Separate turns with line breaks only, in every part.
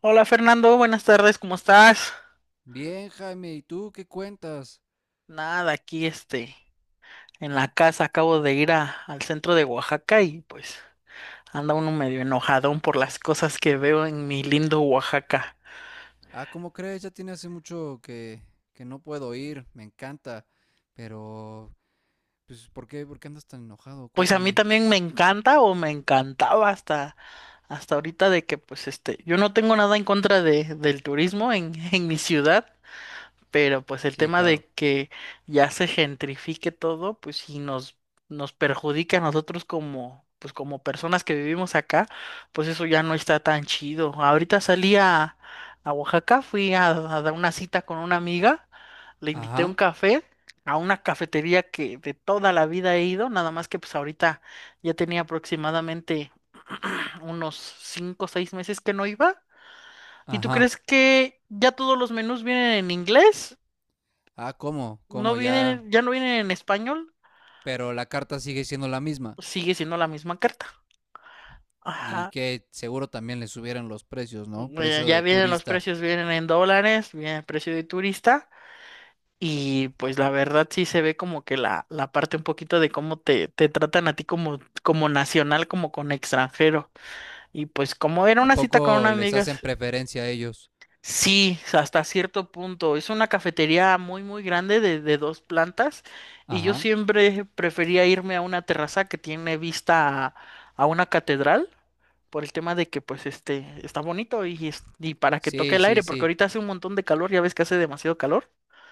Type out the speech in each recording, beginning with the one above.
Hola Fernando, buenas tardes, ¿cómo estás?
Bien, Jaime, ¿y tú qué cuentas?
Nada, aquí en la casa acabo de al centro de Oaxaca y pues anda uno medio enojadón por las cosas que veo en mi lindo Oaxaca.
Ah, ¿cómo crees? Ya tiene hace mucho que no puedo ir, me encanta. Pero, pues, ¿por qué? ¿Por qué andas tan enojado?
Pues a mí
Cuéntame.
también me encanta o me encantaba hasta ahorita de que pues yo no tengo nada en contra del turismo en, en mi ciudad, pero pues el
Sí,
tema de
claro.
que ya se gentrifique todo, pues sí nos perjudica a nosotros como, pues como personas que vivimos acá, pues eso ya no está tan chido. Ahorita a Oaxaca, fui a dar una cita con una amiga, le invité un
Ajá,
café a una cafetería que de toda la vida he ido, nada más que pues ahorita ya tenía aproximadamente unos 5 o 6 meses que no iba. ¿Y tú
ajá.
crees que ya todos los menús vienen en inglés?
Ah, ¿cómo?
No
¿Cómo ya?
vienen, ya no vienen en español,
Pero la carta sigue siendo la misma.
sigue siendo la misma carta.
Y
Ajá.
que seguro también les subieron los precios, ¿no? Precio
Ya
de
vienen los
turista.
precios, vienen en dólares, viene el precio de turista. Y pues la verdad sí se ve como que la parte un poquito de cómo te tratan a ti como, como nacional, como con extranjero. Y pues como era
¿A
una cita con una
poco les
amiga,
hacen preferencia a ellos?
sí, hasta cierto punto. Es una cafetería muy, muy grande de dos plantas. Y yo
Ajá.
siempre prefería irme a una terraza que tiene vista a una catedral por el tema de que pues está bonito y y para que toque
Sí,
el
sí,
aire, porque
sí.
ahorita hace un montón de calor, ya ves que hace demasiado calor.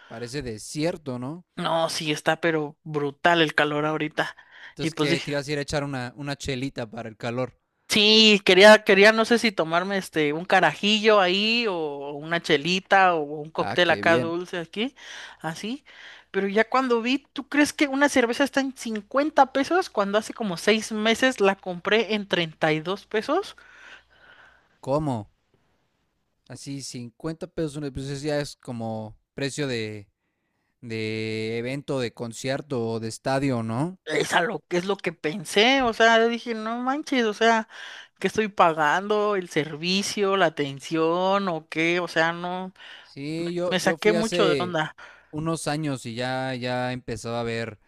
Parece desierto, ¿no?
No, sí está, pero brutal el calor ahorita. Y
Entonces,
pues
¿qué?
dije,
Te ibas a ir a echar una chelita para el calor.
sí, quería, no sé si tomarme un carajillo ahí o una chelita o un
Ah,
cóctel
qué
acá
bien.
dulce aquí, así. Pero ya cuando vi, ¿tú crees que una cerveza está en 50 pesos cuando hace como 6 meses la compré en 32 pesos?
¿Cómo? Así, 50 pesos una, pues eso ya es como precio de evento, de concierto o de estadio, ¿no?
Es a lo que es lo que pensé, o sea, yo dije, no manches, o sea, ¿qué estoy pagando? ¿El servicio, la atención o qué? O sea, no,
Sí,
me
yo
saqué
fui
mucho de
hace
onda.
unos años y ya empezaba a ver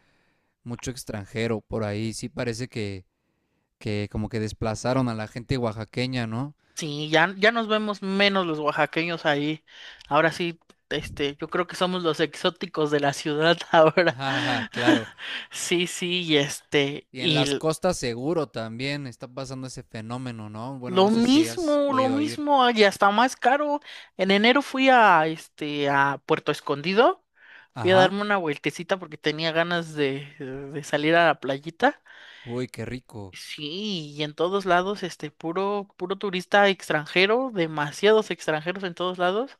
mucho extranjero por ahí. Sí parece que como que desplazaron a la gente oaxaqueña, ¿no?
Sí, ya nos vemos menos los oaxaqueños ahí. Ahora sí, yo creo que somos los exóticos de la ciudad ahora.
Ajá, claro.
Sí, sí, y
Y en las costas seguro también está pasando ese fenómeno, ¿no? Bueno,
lo
no sé si has
mismo, lo
podido ir.
mismo, y hasta más caro. En enero fui a a Puerto Escondido, fui a
Ajá.
darme una vueltecita porque tenía ganas de salir a la playita.
Uy, qué rico.
Sí, y en todos lados, puro, puro turista extranjero, demasiados extranjeros en todos lados.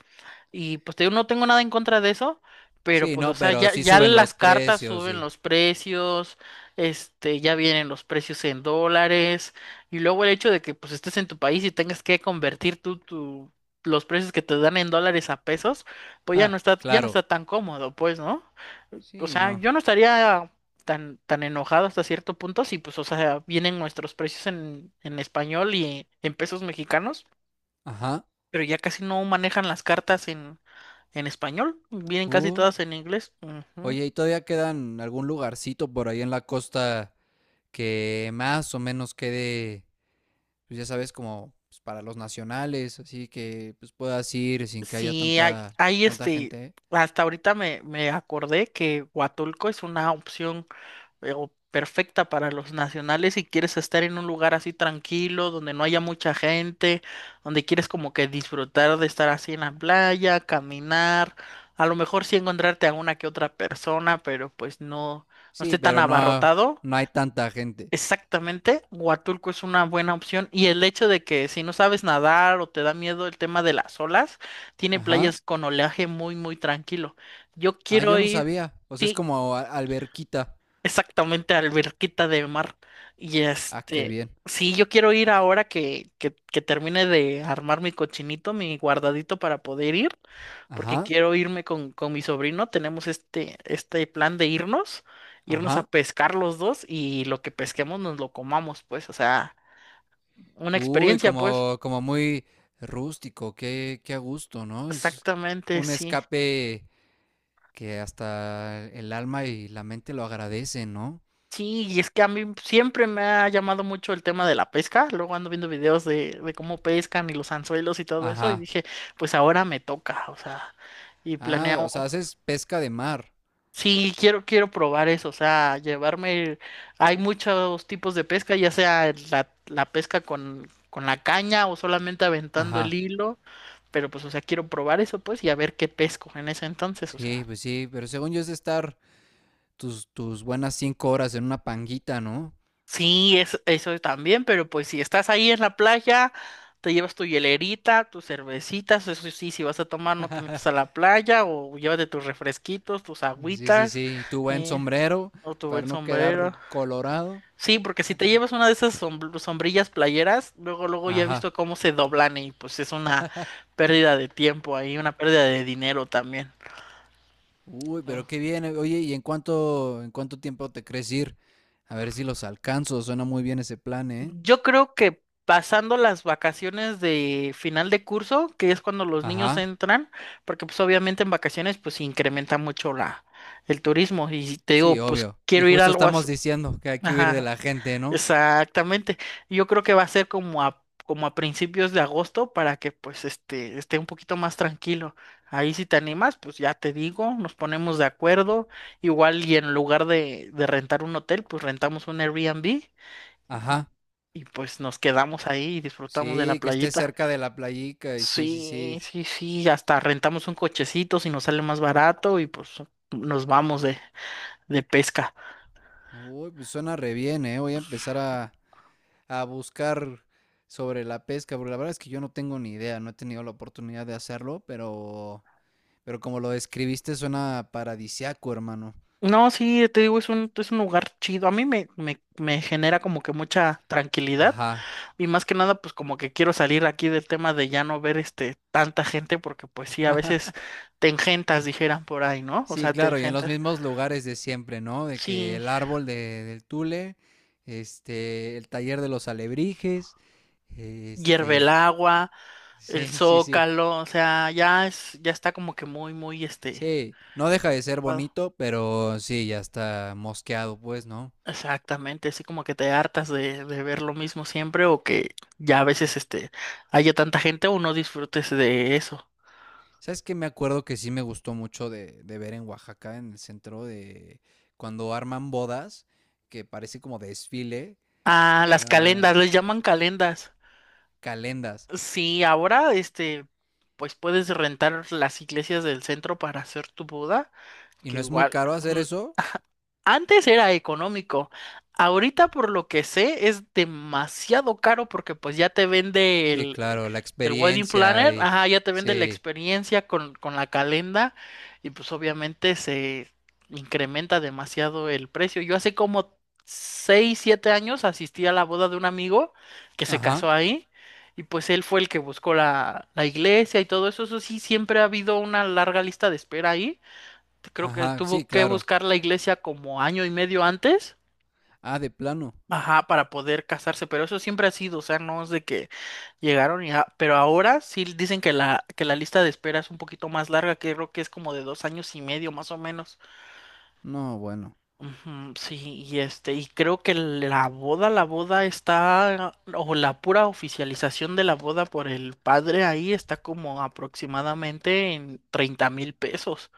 Y pues te digo, no tengo nada en contra de eso, pero
Sí,
pues, o
no,
sea,
pero sí
ya
suben
las
los
cartas
precios,
suben
sí.
los precios, ya vienen los precios en dólares, y luego el hecho de que pues estés en tu país y tengas que convertir los precios que te dan en dólares a pesos, pues
Ah,
ya no
claro.
está tan cómodo, pues, ¿no? O
Sí,
sea,
no.
yo no estaría tan enojado hasta cierto punto si pues, o sea, vienen nuestros precios en español y en pesos mexicanos,
Ajá.
pero ya casi no manejan las cartas en español, vienen casi
Uh,
todas en inglés. Ujú.
oye, ¿y todavía quedan algún lugarcito por ahí en la costa que más o menos pues ya sabes, como pues, para los nacionales, así que pues puedas ir sin que haya
Sí,
tanta
hay
tanta gente, eh?
hasta ahorita me acordé que Huatulco es una opción o perfecta para los nacionales si quieres estar en un lugar así tranquilo, donde no haya mucha gente, donde quieres como que disfrutar de estar así en la playa, caminar, a lo mejor sí encontrarte a una que otra persona, pero pues no, no
Sí,
esté tan
pero
abarrotado.
no hay tanta gente.
Exactamente, Huatulco es una buena opción y el hecho de que si no sabes nadar o te da miedo el tema de las olas, tiene
Ajá.
playas con oleaje muy, muy tranquilo. Yo
Ah,
quiero
yo no
ir,
sabía. Pues es
sí,
como alberquita.
exactamente, alberquita de mar. Y
Ah, qué
este,
bien.
sí, yo quiero ir ahora que termine de armar mi cochinito, mi guardadito para poder ir, porque
Ajá.
quiero irme con mi sobrino. Tenemos este plan de irnos a
Ajá.
pescar los dos y lo que pesquemos nos lo comamos, pues, o sea, una
Uy,
experiencia, pues.
como, como muy rústico, qué, qué a gusto, ¿no? Es
Exactamente,
un
sí.
escape que hasta el alma y la mente lo agradecen, ¿no?
Sí, y es que a mí siempre me ha llamado mucho el tema de la pesca. Luego ando viendo videos de cómo pescan y los anzuelos y todo eso. Y
Ajá.
dije, pues ahora me toca, o sea, y
Ah, o
planeo.
sea, haces pesca de mar.
Sí, quiero probar eso, o sea, llevarme. Hay muchos tipos de pesca, ya sea la pesca con la caña o solamente aventando el
Ajá.
hilo. Pero pues, o sea, quiero probar eso, pues, y a ver qué pesco en ese entonces, o
Sí,
sea.
pues sí, pero según yo es de estar tus buenas 5 horas en una panguita, ¿no?
Sí, es, eso también, pero pues si estás ahí en la playa, te llevas tu hielerita, tus cervecitas, eso sí, si vas a tomar no te metes a la playa o llévate tus refresquitos, tus
Sí, sí,
agüitas,
sí, tu buen
eh,
sombrero
o tu buen
para no
sombrero.
quedar colorado.
Sí, porque si te
Ajá.
llevas una de esas sombrillas playeras, luego, luego ya he visto
Ajá.
cómo se doblan y pues es una pérdida de tiempo ahí, una pérdida de dinero también.
Uy, pero qué bien. Eh, oye, ¿y en cuánto tiempo te crees ir? A ver si los alcanzo. Suena muy bien ese plan, ¿eh?
Yo creo que pasando las vacaciones de final de curso, que es cuando los niños
Ajá.
entran, porque pues obviamente en vacaciones pues incrementa mucho la el turismo y te
Sí,
digo, pues
obvio. Y
quiero ir a
justo
algo
estamos
así.
diciendo que hay que huir de
Ajá,
la gente, ¿no?
exactamente. Yo creo que va a ser como a principios de agosto para que pues esté un poquito más tranquilo. Ahí si te animas, pues ya te digo, nos ponemos de acuerdo. Igual y en lugar de rentar un hotel, pues rentamos un Airbnb y,
Ajá.
y pues nos quedamos ahí y disfrutamos de la
Sí, que esté
playita.
cerca de la playica y sí, sí,
Sí,
sí.
sí, sí, hasta rentamos un cochecito si nos sale más barato y pues nos vamos de pesca.
Uy, pues suena re bien, ¿eh? Voy a empezar a buscar sobre la pesca, porque la verdad es que yo no tengo ni idea, no he tenido la oportunidad de hacerlo, pero como lo describiste, suena paradisiaco, hermano.
No, sí, te digo, es es un lugar chido. A mí me genera como que mucha tranquilidad
Ajá.
y más que nada pues como que quiero salir aquí del tema de ya no ver tanta gente porque pues sí, a veces te engentas, dijeran por ahí, ¿no? O
Sí,
sea, te
claro, y en los
engentas.
mismos lugares de siempre, ¿no? De que
Sí,
el árbol del tule, este, el taller de los alebrijes,
hierve el
este,
agua. El
sí, sí, sí,
Zócalo, o sea, ya es, ya está como que muy, muy,
sí, no deja de ser
ocupado.
bonito, pero sí, ya está mosqueado, pues, ¿no?
Exactamente, así como que te hartas de ver lo mismo siempre o que ya a veces, haya tanta gente o no disfrutes de eso.
¿Sabes qué? Me acuerdo que sí me gustó mucho de ver en Oaxaca, en el centro de, cuando arman bodas, que parece como desfile,
Ah, las
ah,
calendas, les llaman calendas.
calendas,
Sí, ahora, pues puedes rentar las iglesias del centro para hacer tu boda.
y
Que
no es muy
igual
caro hacer eso.
antes era económico, ahorita por lo que sé es demasiado caro porque pues ya te vende
Sí, claro, la
el wedding
experiencia
planner,
y
ajá, ya te vende la
sí.
experiencia con la calenda y pues obviamente se incrementa demasiado el precio. Yo hace como 6 7 años asistí a la boda de un amigo que se casó
Ajá,
ahí y pues él fue el que buscó la iglesia y todo eso. Eso sí, siempre ha habido una larga lista de espera ahí, creo que
ajá, sí,
tuvo que
claro.
buscar la iglesia como año y medio antes,
Ah, de plano.
ajá, para poder casarse, pero eso siempre ha sido, o sea, no es de que llegaron y, ah, pero ahora sí dicen que que la lista de espera es un poquito más larga, que creo que es como de 2 años y medio más o menos.
No, bueno.
Ujú, sí, creo que la boda está, o la pura oficialización de la boda por el padre ahí está como aproximadamente en 30,000 pesos.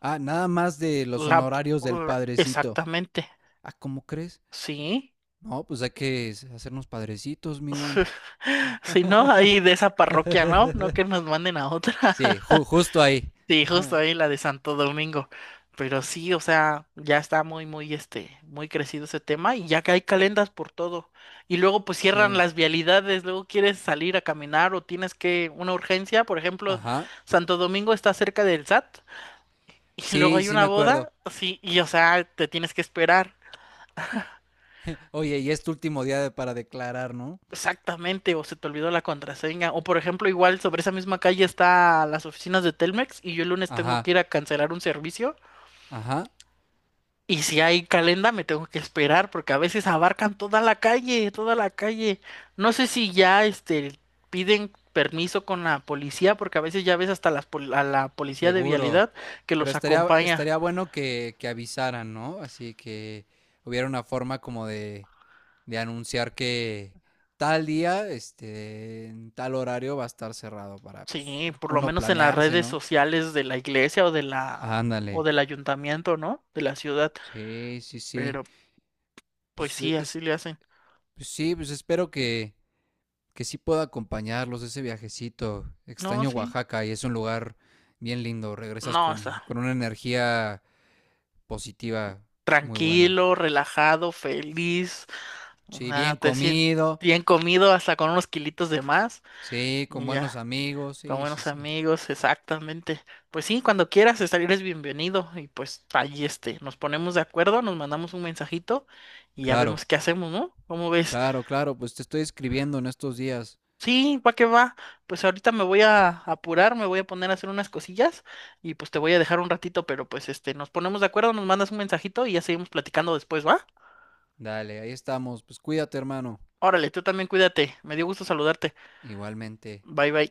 Ah, nada más de los
La,
honorarios del padrecito.
exactamente,
Ah, ¿cómo crees?
sí.
No, pues hay que hacernos padrecitos, mi buen.
Si no, ahí de esa parroquia, ¿no? No que nos manden a otra.
Sí, justo ahí.
Sí, justo
Ajá,
ahí la de Santo Domingo. Pero sí, o sea, ya está muy, muy, muy crecido ese tema y ya que hay calendas por todo. Y luego pues cierran
sí,
las vialidades, luego quieres salir a caminar o tienes que una urgencia, por ejemplo,
ajá.
Santo Domingo está cerca del SAT y luego
Sí,
hay
sí
una
me acuerdo.
boda, sí, y o sea, te tienes que esperar.
Oye, y es tu último para declarar, ¿no?
Exactamente, o se te olvidó la contraseña. O por ejemplo, igual sobre esa misma calle está las oficinas de Telmex y yo el lunes tengo que
Ajá,
ir a cancelar un servicio.
ajá.
Y si hay calenda, me tengo que esperar porque a veces abarcan toda la calle, toda la calle. No sé si ya piden permiso con la policía porque a veces ya ves hasta las a la policía de
Seguro.
vialidad que
Pero
los acompaña.
estaría bueno que avisaran, ¿no? Así que hubiera una forma como de anunciar que tal día, este, en tal horario va a estar cerrado para pues,
Sí, por lo
uno
menos en las
planearse,
redes
¿no?
sociales de la iglesia o de la
Ándale.
o del ayuntamiento, ¿no? De la ciudad.
Sí, sí, sí.
Pero pues sí, así
Es,
le hacen.
pues sí, pues espero que sí pueda acompañarlos ese viajecito.
No,
Extraño
sí.
Oaxaca y es un lugar bien lindo. Regresas
No, está
con una energía positiva muy buena.
tranquilo, relajado, feliz. O
Sí,
sea,
bien
te sientes
comido,
bien comido, hasta con unos kilitos de más.
sí, con
Y
buenos
ya,
amigos,
con
sí, sí,
buenos
sí.
amigos, exactamente. Pues sí, cuando quieras estar, eres bienvenido. Y pues ahí nos ponemos de acuerdo, nos mandamos un mensajito y ya
Claro,
vemos qué hacemos, ¿no? ¿Cómo ves?
claro, claro, pues te estoy escribiendo en estos días.
Sí, va que va. Pues ahorita me voy a apurar, me voy a poner a hacer unas cosillas y pues te voy a dejar un ratito, pero pues nos ponemos de acuerdo, nos mandas un mensajito y ya seguimos platicando después, ¿va?
Dale, ahí estamos. Pues cuídate, hermano.
Órale, tú también cuídate. Me dio gusto saludarte.
Igualmente.
Bye bye.